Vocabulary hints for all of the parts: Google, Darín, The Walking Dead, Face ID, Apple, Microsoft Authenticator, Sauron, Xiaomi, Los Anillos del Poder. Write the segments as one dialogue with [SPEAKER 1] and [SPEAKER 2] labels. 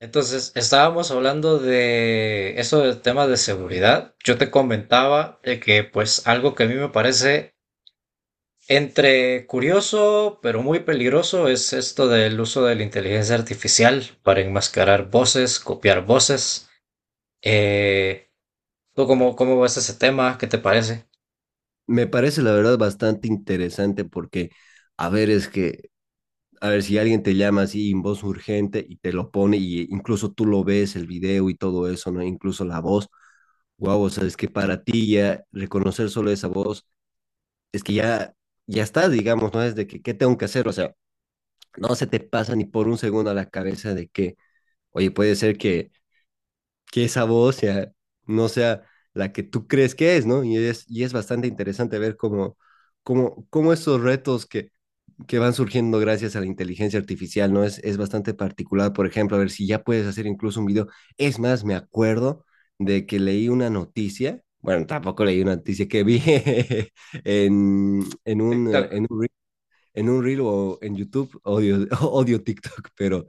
[SPEAKER 1] Entonces, estábamos hablando de eso del tema de seguridad. Yo te comentaba de que, pues, algo que a mí me parece entre curioso, pero muy peligroso, es esto del uso de la inteligencia artificial para enmascarar voces, copiar voces. Eh, ¿Tú cómo ves ese tema? ¿Qué te parece?
[SPEAKER 2] Me parece la verdad bastante interesante porque, a ver, es que, a ver, si alguien te llama así en voz urgente y te lo pone y incluso tú lo ves, el video y todo eso, ¿no? Incluso la voz, wow, o sea, es que para ti ya reconocer solo esa voz, es que ya, ya está, digamos, ¿no? Es de que, ¿qué tengo que hacer? O sea, no se te pasa ni por un segundo a la cabeza de que, oye, puede ser que esa voz sea, no sea la que tú crees que es, ¿no? Y es bastante interesante ver cómo, cómo, cómo esos retos que van surgiendo gracias a la inteligencia artificial, ¿no? Es bastante particular, por ejemplo, a ver si ya puedes hacer incluso un video. Es más, me acuerdo de que leí una noticia, bueno, tampoco leí una noticia que vi en, en un,
[SPEAKER 1] TikTok.
[SPEAKER 2] en, un- en un reel o en YouTube, odio, odio TikTok, pero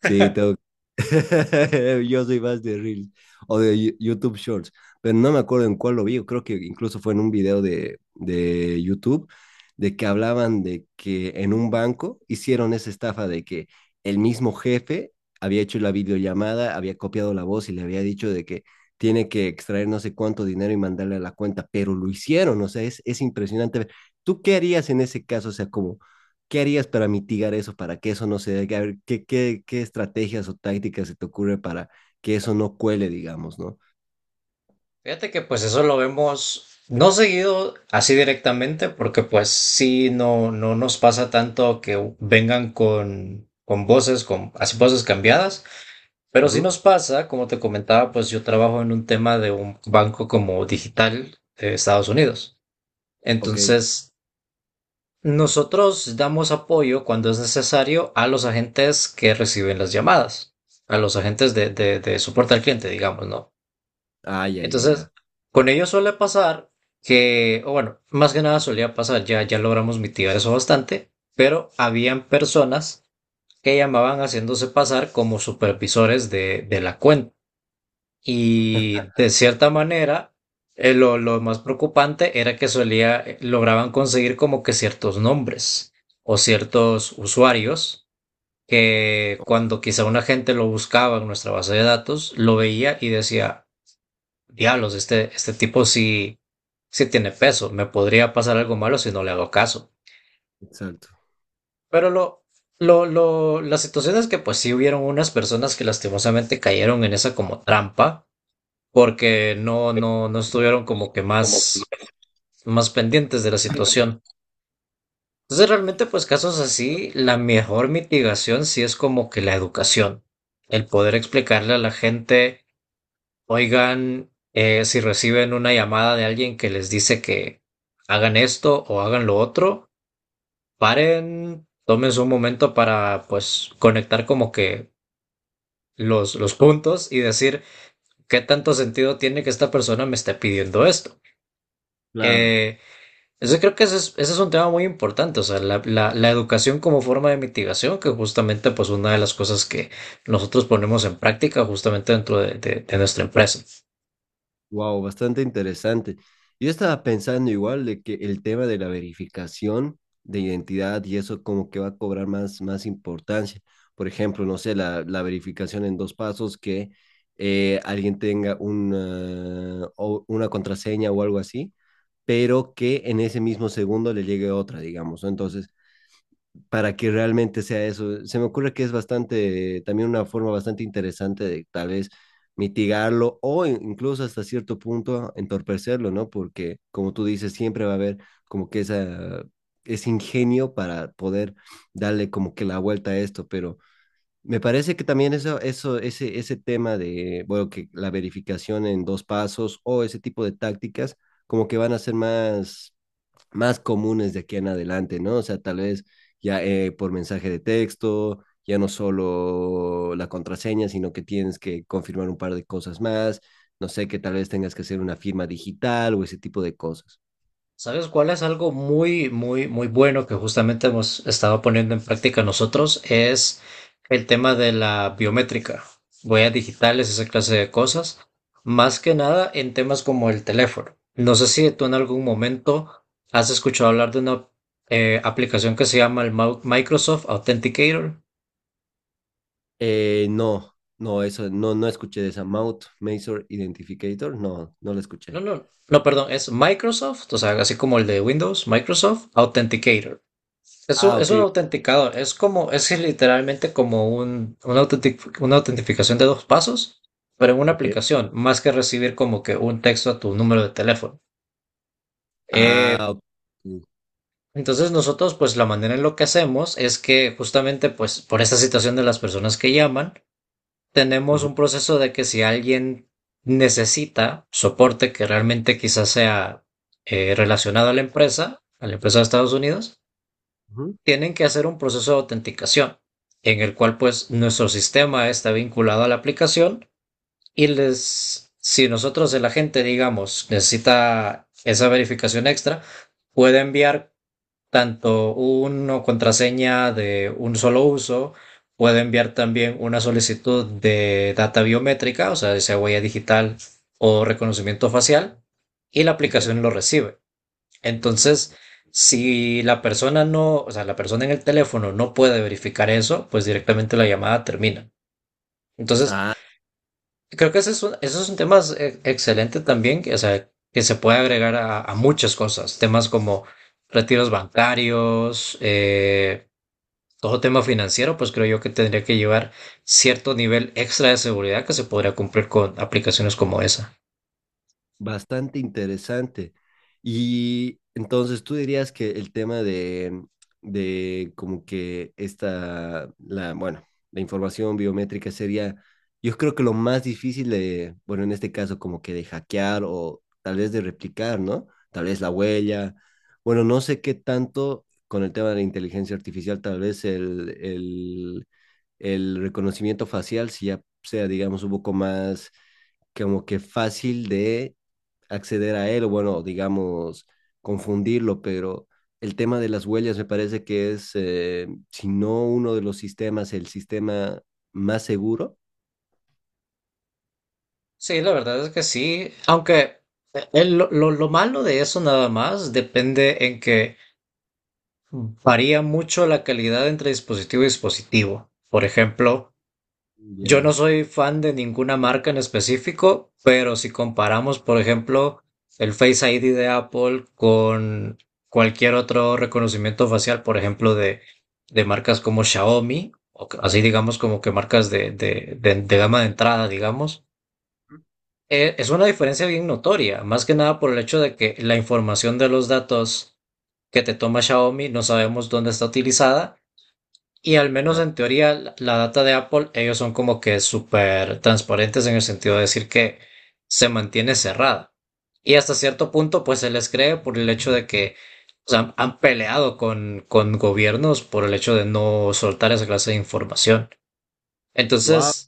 [SPEAKER 2] sí, tengo Yo soy más de Reels o de YouTube Shorts, pero no me acuerdo en cuál lo vi. Yo creo que incluso fue en un video de YouTube de que hablaban de que en un banco hicieron esa estafa de que el mismo jefe había hecho la videollamada, había copiado la voz y le había dicho de que tiene que extraer no sé cuánto dinero y mandarle a la cuenta, pero lo hicieron, o sea, es impresionante. ¿Tú qué harías en ese caso? O sea, como ¿qué harías para mitigar eso, para que eso no se dé? A ver, ¿qué, qué, qué estrategias o tácticas se te ocurre para que eso no cuele, digamos, ¿no?
[SPEAKER 1] Fíjate que pues eso lo vemos no seguido así directamente, porque pues sí, no, no nos pasa tanto que vengan con voces, con así voces cambiadas, pero sí
[SPEAKER 2] Ujú.
[SPEAKER 1] nos pasa, como te comentaba, pues yo trabajo en un tema de un banco como digital de Estados Unidos.
[SPEAKER 2] Ok.
[SPEAKER 1] Entonces, nosotros damos apoyo cuando es necesario a los agentes que reciben las llamadas, a los agentes de soporte al cliente, digamos, ¿no?
[SPEAKER 2] Ah, ya, ya,
[SPEAKER 1] Entonces,
[SPEAKER 2] ya.
[SPEAKER 1] con ellos suele pasar que, o bueno, más que nada solía pasar, ya logramos mitigar eso bastante, pero habían personas que llamaban haciéndose pasar como supervisores de la cuenta. Y de cierta manera, lo más preocupante era que solía, lograban conseguir como que ciertos nombres o ciertos usuarios que
[SPEAKER 2] Oh.
[SPEAKER 1] cuando quizá una gente lo buscaba en nuestra base de datos, lo veía y decía, diablos, este tipo sí, sí tiene peso. Me podría pasar algo malo si no le hago caso.
[SPEAKER 2] Exacto.
[SPEAKER 1] Pero la situación es que pues sí hubieron unas personas que lastimosamente cayeron en esa como trampa porque no estuvieron como que
[SPEAKER 2] Como.
[SPEAKER 1] más, más pendientes de la situación. Entonces realmente pues casos así, la mejor mitigación sí es como que la educación, el poder explicarle a la gente: oigan, si reciben una llamada de alguien que les dice que hagan esto o hagan lo otro, paren, tómense un momento para pues conectar como que los puntos y decir qué tanto sentido tiene que esta persona me esté pidiendo esto.
[SPEAKER 2] Claro.
[SPEAKER 1] Eh, eso creo que ese es un tema muy importante, o sea, la educación como forma de mitigación, que justamente pues una de las cosas que nosotros ponemos en práctica justamente dentro de nuestra empresa.
[SPEAKER 2] Wow, bastante interesante. Yo estaba pensando igual de que el tema de la verificación de identidad y eso como que va a cobrar más, más importancia. Por ejemplo, no sé, la verificación en dos pasos, que alguien tenga una, una contraseña o algo así, pero que en ese mismo segundo le llegue otra, digamos, ¿no? Entonces, para que realmente sea eso, se me ocurre que es bastante, también una forma bastante interesante de tal vez mitigarlo o incluso hasta cierto punto entorpecerlo, ¿no? Porque, como tú dices, siempre va a haber como que esa, ese ingenio para poder darle como que la vuelta a esto, pero me parece que también eso, ese tema de, bueno, que la verificación en dos pasos o ese tipo de tácticas, como que van a ser más más comunes de aquí en adelante, ¿no? O sea, tal vez ya por mensaje de texto, ya no solo la contraseña, sino que tienes que confirmar un par de cosas más, no sé, que tal vez tengas que hacer una firma digital o ese tipo de cosas.
[SPEAKER 1] ¿Sabes cuál es algo muy, muy, muy bueno que justamente hemos estado poniendo en práctica nosotros? Es el tema de la biométrica, huellas digitales, esa clase de cosas. Más que nada en temas como el teléfono. No sé si tú en algún momento has escuchado hablar de una aplicación que se llama el Microsoft Authenticator.
[SPEAKER 2] No, no, eso, no, no escuché de esa Mouth Masor Identificator, no, no la
[SPEAKER 1] No,
[SPEAKER 2] escuché.
[SPEAKER 1] no, no, perdón, es Microsoft, o sea, así como el de Windows, Microsoft Authenticator. Es
[SPEAKER 2] Ah,
[SPEAKER 1] es
[SPEAKER 2] ok,
[SPEAKER 1] un autenticador, es como, es literalmente como una autentificación de dos pasos, pero en una
[SPEAKER 2] ok.
[SPEAKER 1] aplicación, más que recibir como que un texto a tu número de teléfono.
[SPEAKER 2] Ah,
[SPEAKER 1] Eh,
[SPEAKER 2] ok.
[SPEAKER 1] entonces nosotros, pues la manera en lo que hacemos es que justamente, pues por esta situación de las personas que llaman, tenemos
[SPEAKER 2] Ujú,
[SPEAKER 1] un proceso de que si alguien necesita soporte que realmente quizás sea relacionado a la empresa de Estados Unidos,
[SPEAKER 2] ujú.
[SPEAKER 1] tienen que hacer un proceso de autenticación en el cual pues nuestro sistema está vinculado a la aplicación y les, si nosotros el agente digamos necesita esa verificación extra, puede enviar tanto una contraseña de un solo uso, puede enviar también una solicitud de data biométrica, o sea, sea huella digital o reconocimiento facial, y la
[SPEAKER 2] Ya.
[SPEAKER 1] aplicación lo recibe. Entonces, si la persona no, o sea, la persona en el teléfono no puede verificar eso, pues directamente la llamada termina. Entonces,
[SPEAKER 2] Ah.
[SPEAKER 1] creo que ese es un tema excelente también, que, o sea, que se puede agregar a muchas cosas, temas como retiros bancarios, todo tema financiero, pues creo yo que tendría que llevar cierto nivel extra de seguridad que se podría cumplir con aplicaciones como esa.
[SPEAKER 2] Bastante interesante. Y entonces tú dirías que el tema de como que esta, la, bueno, la información biométrica sería, yo creo que lo más difícil de, bueno, en este caso como que de hackear o tal vez de replicar, ¿no? Tal vez la huella. Bueno, no sé qué tanto con el tema de la inteligencia artificial, tal vez el reconocimiento facial, si ya sea, digamos, un poco más como que fácil de acceder a él, o bueno, digamos, confundirlo, pero el tema de las huellas me parece que es, si no uno de los sistemas, el sistema más seguro.
[SPEAKER 1] Sí, la verdad es que sí, aunque lo malo de eso nada más depende en que varía mucho la calidad entre dispositivo y dispositivo. Por ejemplo, yo no
[SPEAKER 2] Ya.
[SPEAKER 1] soy fan de ninguna marca en específico, pero si comparamos, por ejemplo, el Face ID de Apple con cualquier otro reconocimiento facial, por ejemplo, de marcas como Xiaomi, o así digamos como que marcas de gama de entrada, digamos. Es una diferencia bien notoria, más que nada por el hecho de que la información de los datos que te toma Xiaomi no sabemos dónde está utilizada y al menos
[SPEAKER 2] Ah.
[SPEAKER 1] en teoría la data de Apple ellos son como que súper transparentes en el sentido de decir que se mantiene cerrada. Y hasta cierto punto pues se les cree por el hecho de que o sea, han peleado con gobiernos por el hecho de no soltar esa clase de información.
[SPEAKER 2] Wow,
[SPEAKER 1] Entonces…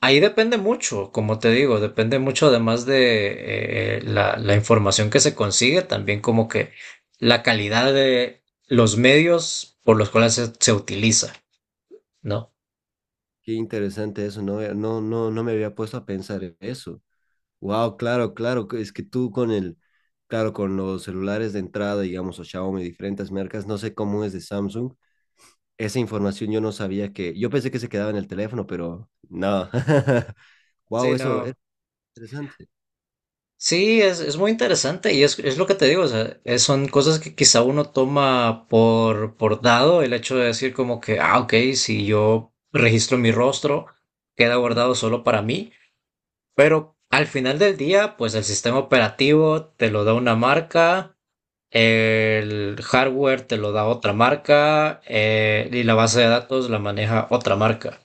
[SPEAKER 1] ahí depende mucho, como te digo, depende mucho además de la información que se consigue, también como que la calidad de los medios por los cuales se utiliza, ¿no?
[SPEAKER 2] qué interesante eso, no, no, no, no me había puesto a pensar en eso. Wow, claro, claro, que es que tú con el, claro, con los celulares de entrada, digamos, o Xiaomi, diferentes marcas, no sé cómo es de Samsung, esa información yo no sabía que, yo pensé que se quedaba en el teléfono, pero no.
[SPEAKER 1] Sí,
[SPEAKER 2] Wow, eso.
[SPEAKER 1] no.
[SPEAKER 2] Interesante.
[SPEAKER 1] Sí, es muy interesante y es lo que te digo, o sea, son cosas que quizá uno toma por dado, el hecho de decir como que, ah, ok, si yo registro mi rostro, queda
[SPEAKER 2] Ujú.
[SPEAKER 1] guardado solo para mí. Pero al final del día, pues el sistema operativo te lo da una marca, el hardware te lo da otra marca, y la base de datos la maneja otra marca.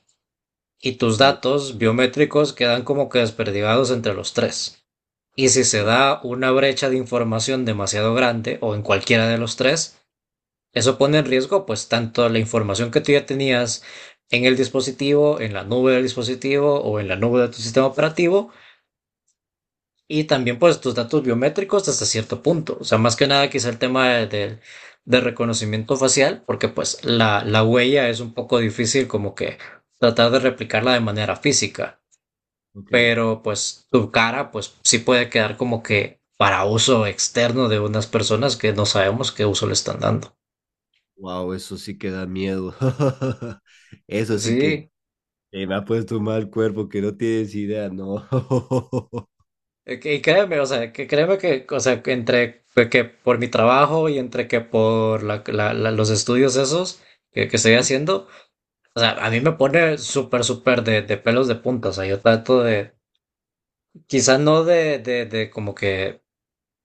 [SPEAKER 1] Y tus
[SPEAKER 2] Uh,
[SPEAKER 1] datos biométricos quedan como que desperdigados entre los tres. Y si se
[SPEAKER 2] la-
[SPEAKER 1] da una brecha de información demasiado grande o en cualquiera de los tres, eso pone en riesgo pues tanto la información que tú ya tenías en el dispositivo, en la nube del dispositivo o en la nube de tu sistema operativo, y también pues tus datos biométricos hasta cierto punto. O sea, más que nada quizá el tema de reconocimiento facial, porque pues la huella es un poco difícil como que tratar de replicarla de manera física,
[SPEAKER 2] ok.
[SPEAKER 1] pero pues tu cara pues sí puede quedar como que para uso externo de unas personas que no sabemos qué uso le están dando.
[SPEAKER 2] Wow, eso sí que da miedo. Eso sí que
[SPEAKER 1] Sí,
[SPEAKER 2] me ha puesto mal cuerpo que no tienes idea, ¿no?
[SPEAKER 1] y créeme, o sea, que créeme que, o sea, que entre que por mi trabajo y entre que por los estudios esos que estoy haciendo. O sea, a mí me pone súper, súper de pelos de punta. O sea, yo trato de, quizás no de como que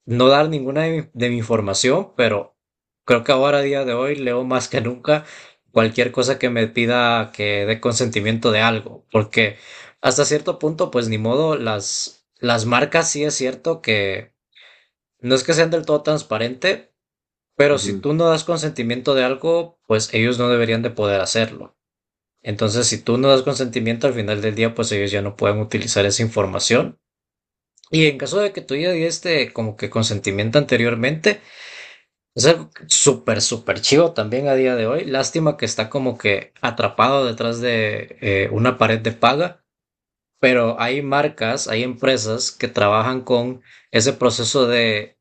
[SPEAKER 1] no dar ninguna de mi información, pero creo que ahora, a día de hoy, leo más que nunca cualquier cosa que me pida que dé consentimiento de algo. Porque hasta cierto punto, pues ni modo, las marcas sí es cierto que no es que sean del todo transparente, pero si
[SPEAKER 2] Ujú.
[SPEAKER 1] tú no das consentimiento de algo, pues ellos no deberían de poder hacerlo. Entonces, si tú no das consentimiento, al final del día, pues ellos ya no pueden utilizar esa información. Y en caso de que tú ya diste como que consentimiento anteriormente, es algo súper, súper chivo también a día de hoy. Lástima que está como que atrapado detrás de una pared de paga, pero hay marcas, hay empresas que trabajan con ese proceso de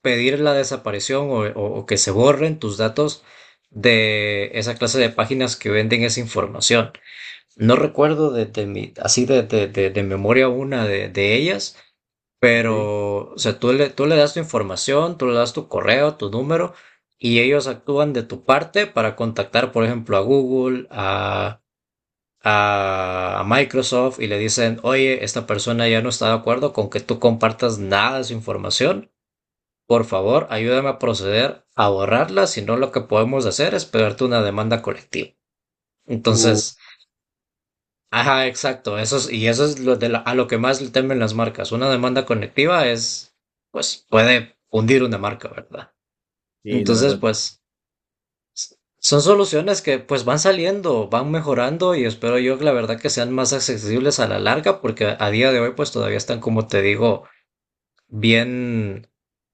[SPEAKER 1] pedir la desaparición o que se borren tus datos de esa clase de páginas que venden esa información. No recuerdo de memoria una de ellas,
[SPEAKER 2] Ok.
[SPEAKER 1] pero o sea, tú le das tu información, tú le das tu correo, tu número, y ellos actúan de tu parte para contactar, por ejemplo, a Google, a Microsoft, y le dicen, oye, esta persona ya no está de acuerdo con que tú compartas nada de su información. Por favor, ayúdame a proceder a borrarla, si no lo que podemos hacer es pegarte una demanda colectiva.
[SPEAKER 2] Uh,
[SPEAKER 1] Entonces, ajá, exacto. Y eso es lo a lo que más le temen las marcas. Una demanda conectiva es, pues, puede hundir una marca, ¿verdad?
[SPEAKER 2] sí, la
[SPEAKER 1] Entonces,
[SPEAKER 2] verdad.
[SPEAKER 1] pues, son soluciones que, pues, van saliendo, van mejorando y espero yo, que la verdad, que sean más accesibles a la larga, porque a día de hoy, pues, todavía están, como te digo, bien,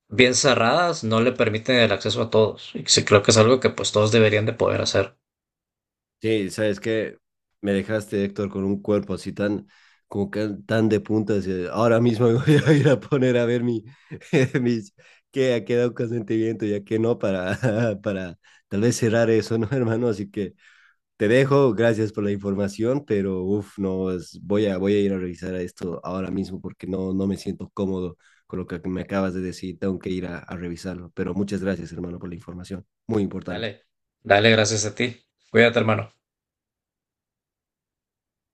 [SPEAKER 1] bien cerradas, no le permiten el acceso a todos. Y sí creo que es algo que, pues, todos deberían de poder hacer.
[SPEAKER 2] Sí, sabes que me dejaste, Héctor, con un cuerpo así tan, como que tan de puntas. Ahora mismo me voy a ir a poner a ver mi, mis, qué ha quedado consentimiento y a qué no para, para tal vez cerrar eso, ¿no, hermano? Así que. Te dejo, gracias por la información, pero uf, no, voy a, voy a ir a revisar esto ahora mismo porque no, no me siento cómodo con lo que me acabas de decir, tengo que ir a revisarlo, pero muchas gracias, hermano, por la información, muy
[SPEAKER 1] Dale,
[SPEAKER 2] importante.
[SPEAKER 1] dale, gracias a ti. Cuídate, hermano.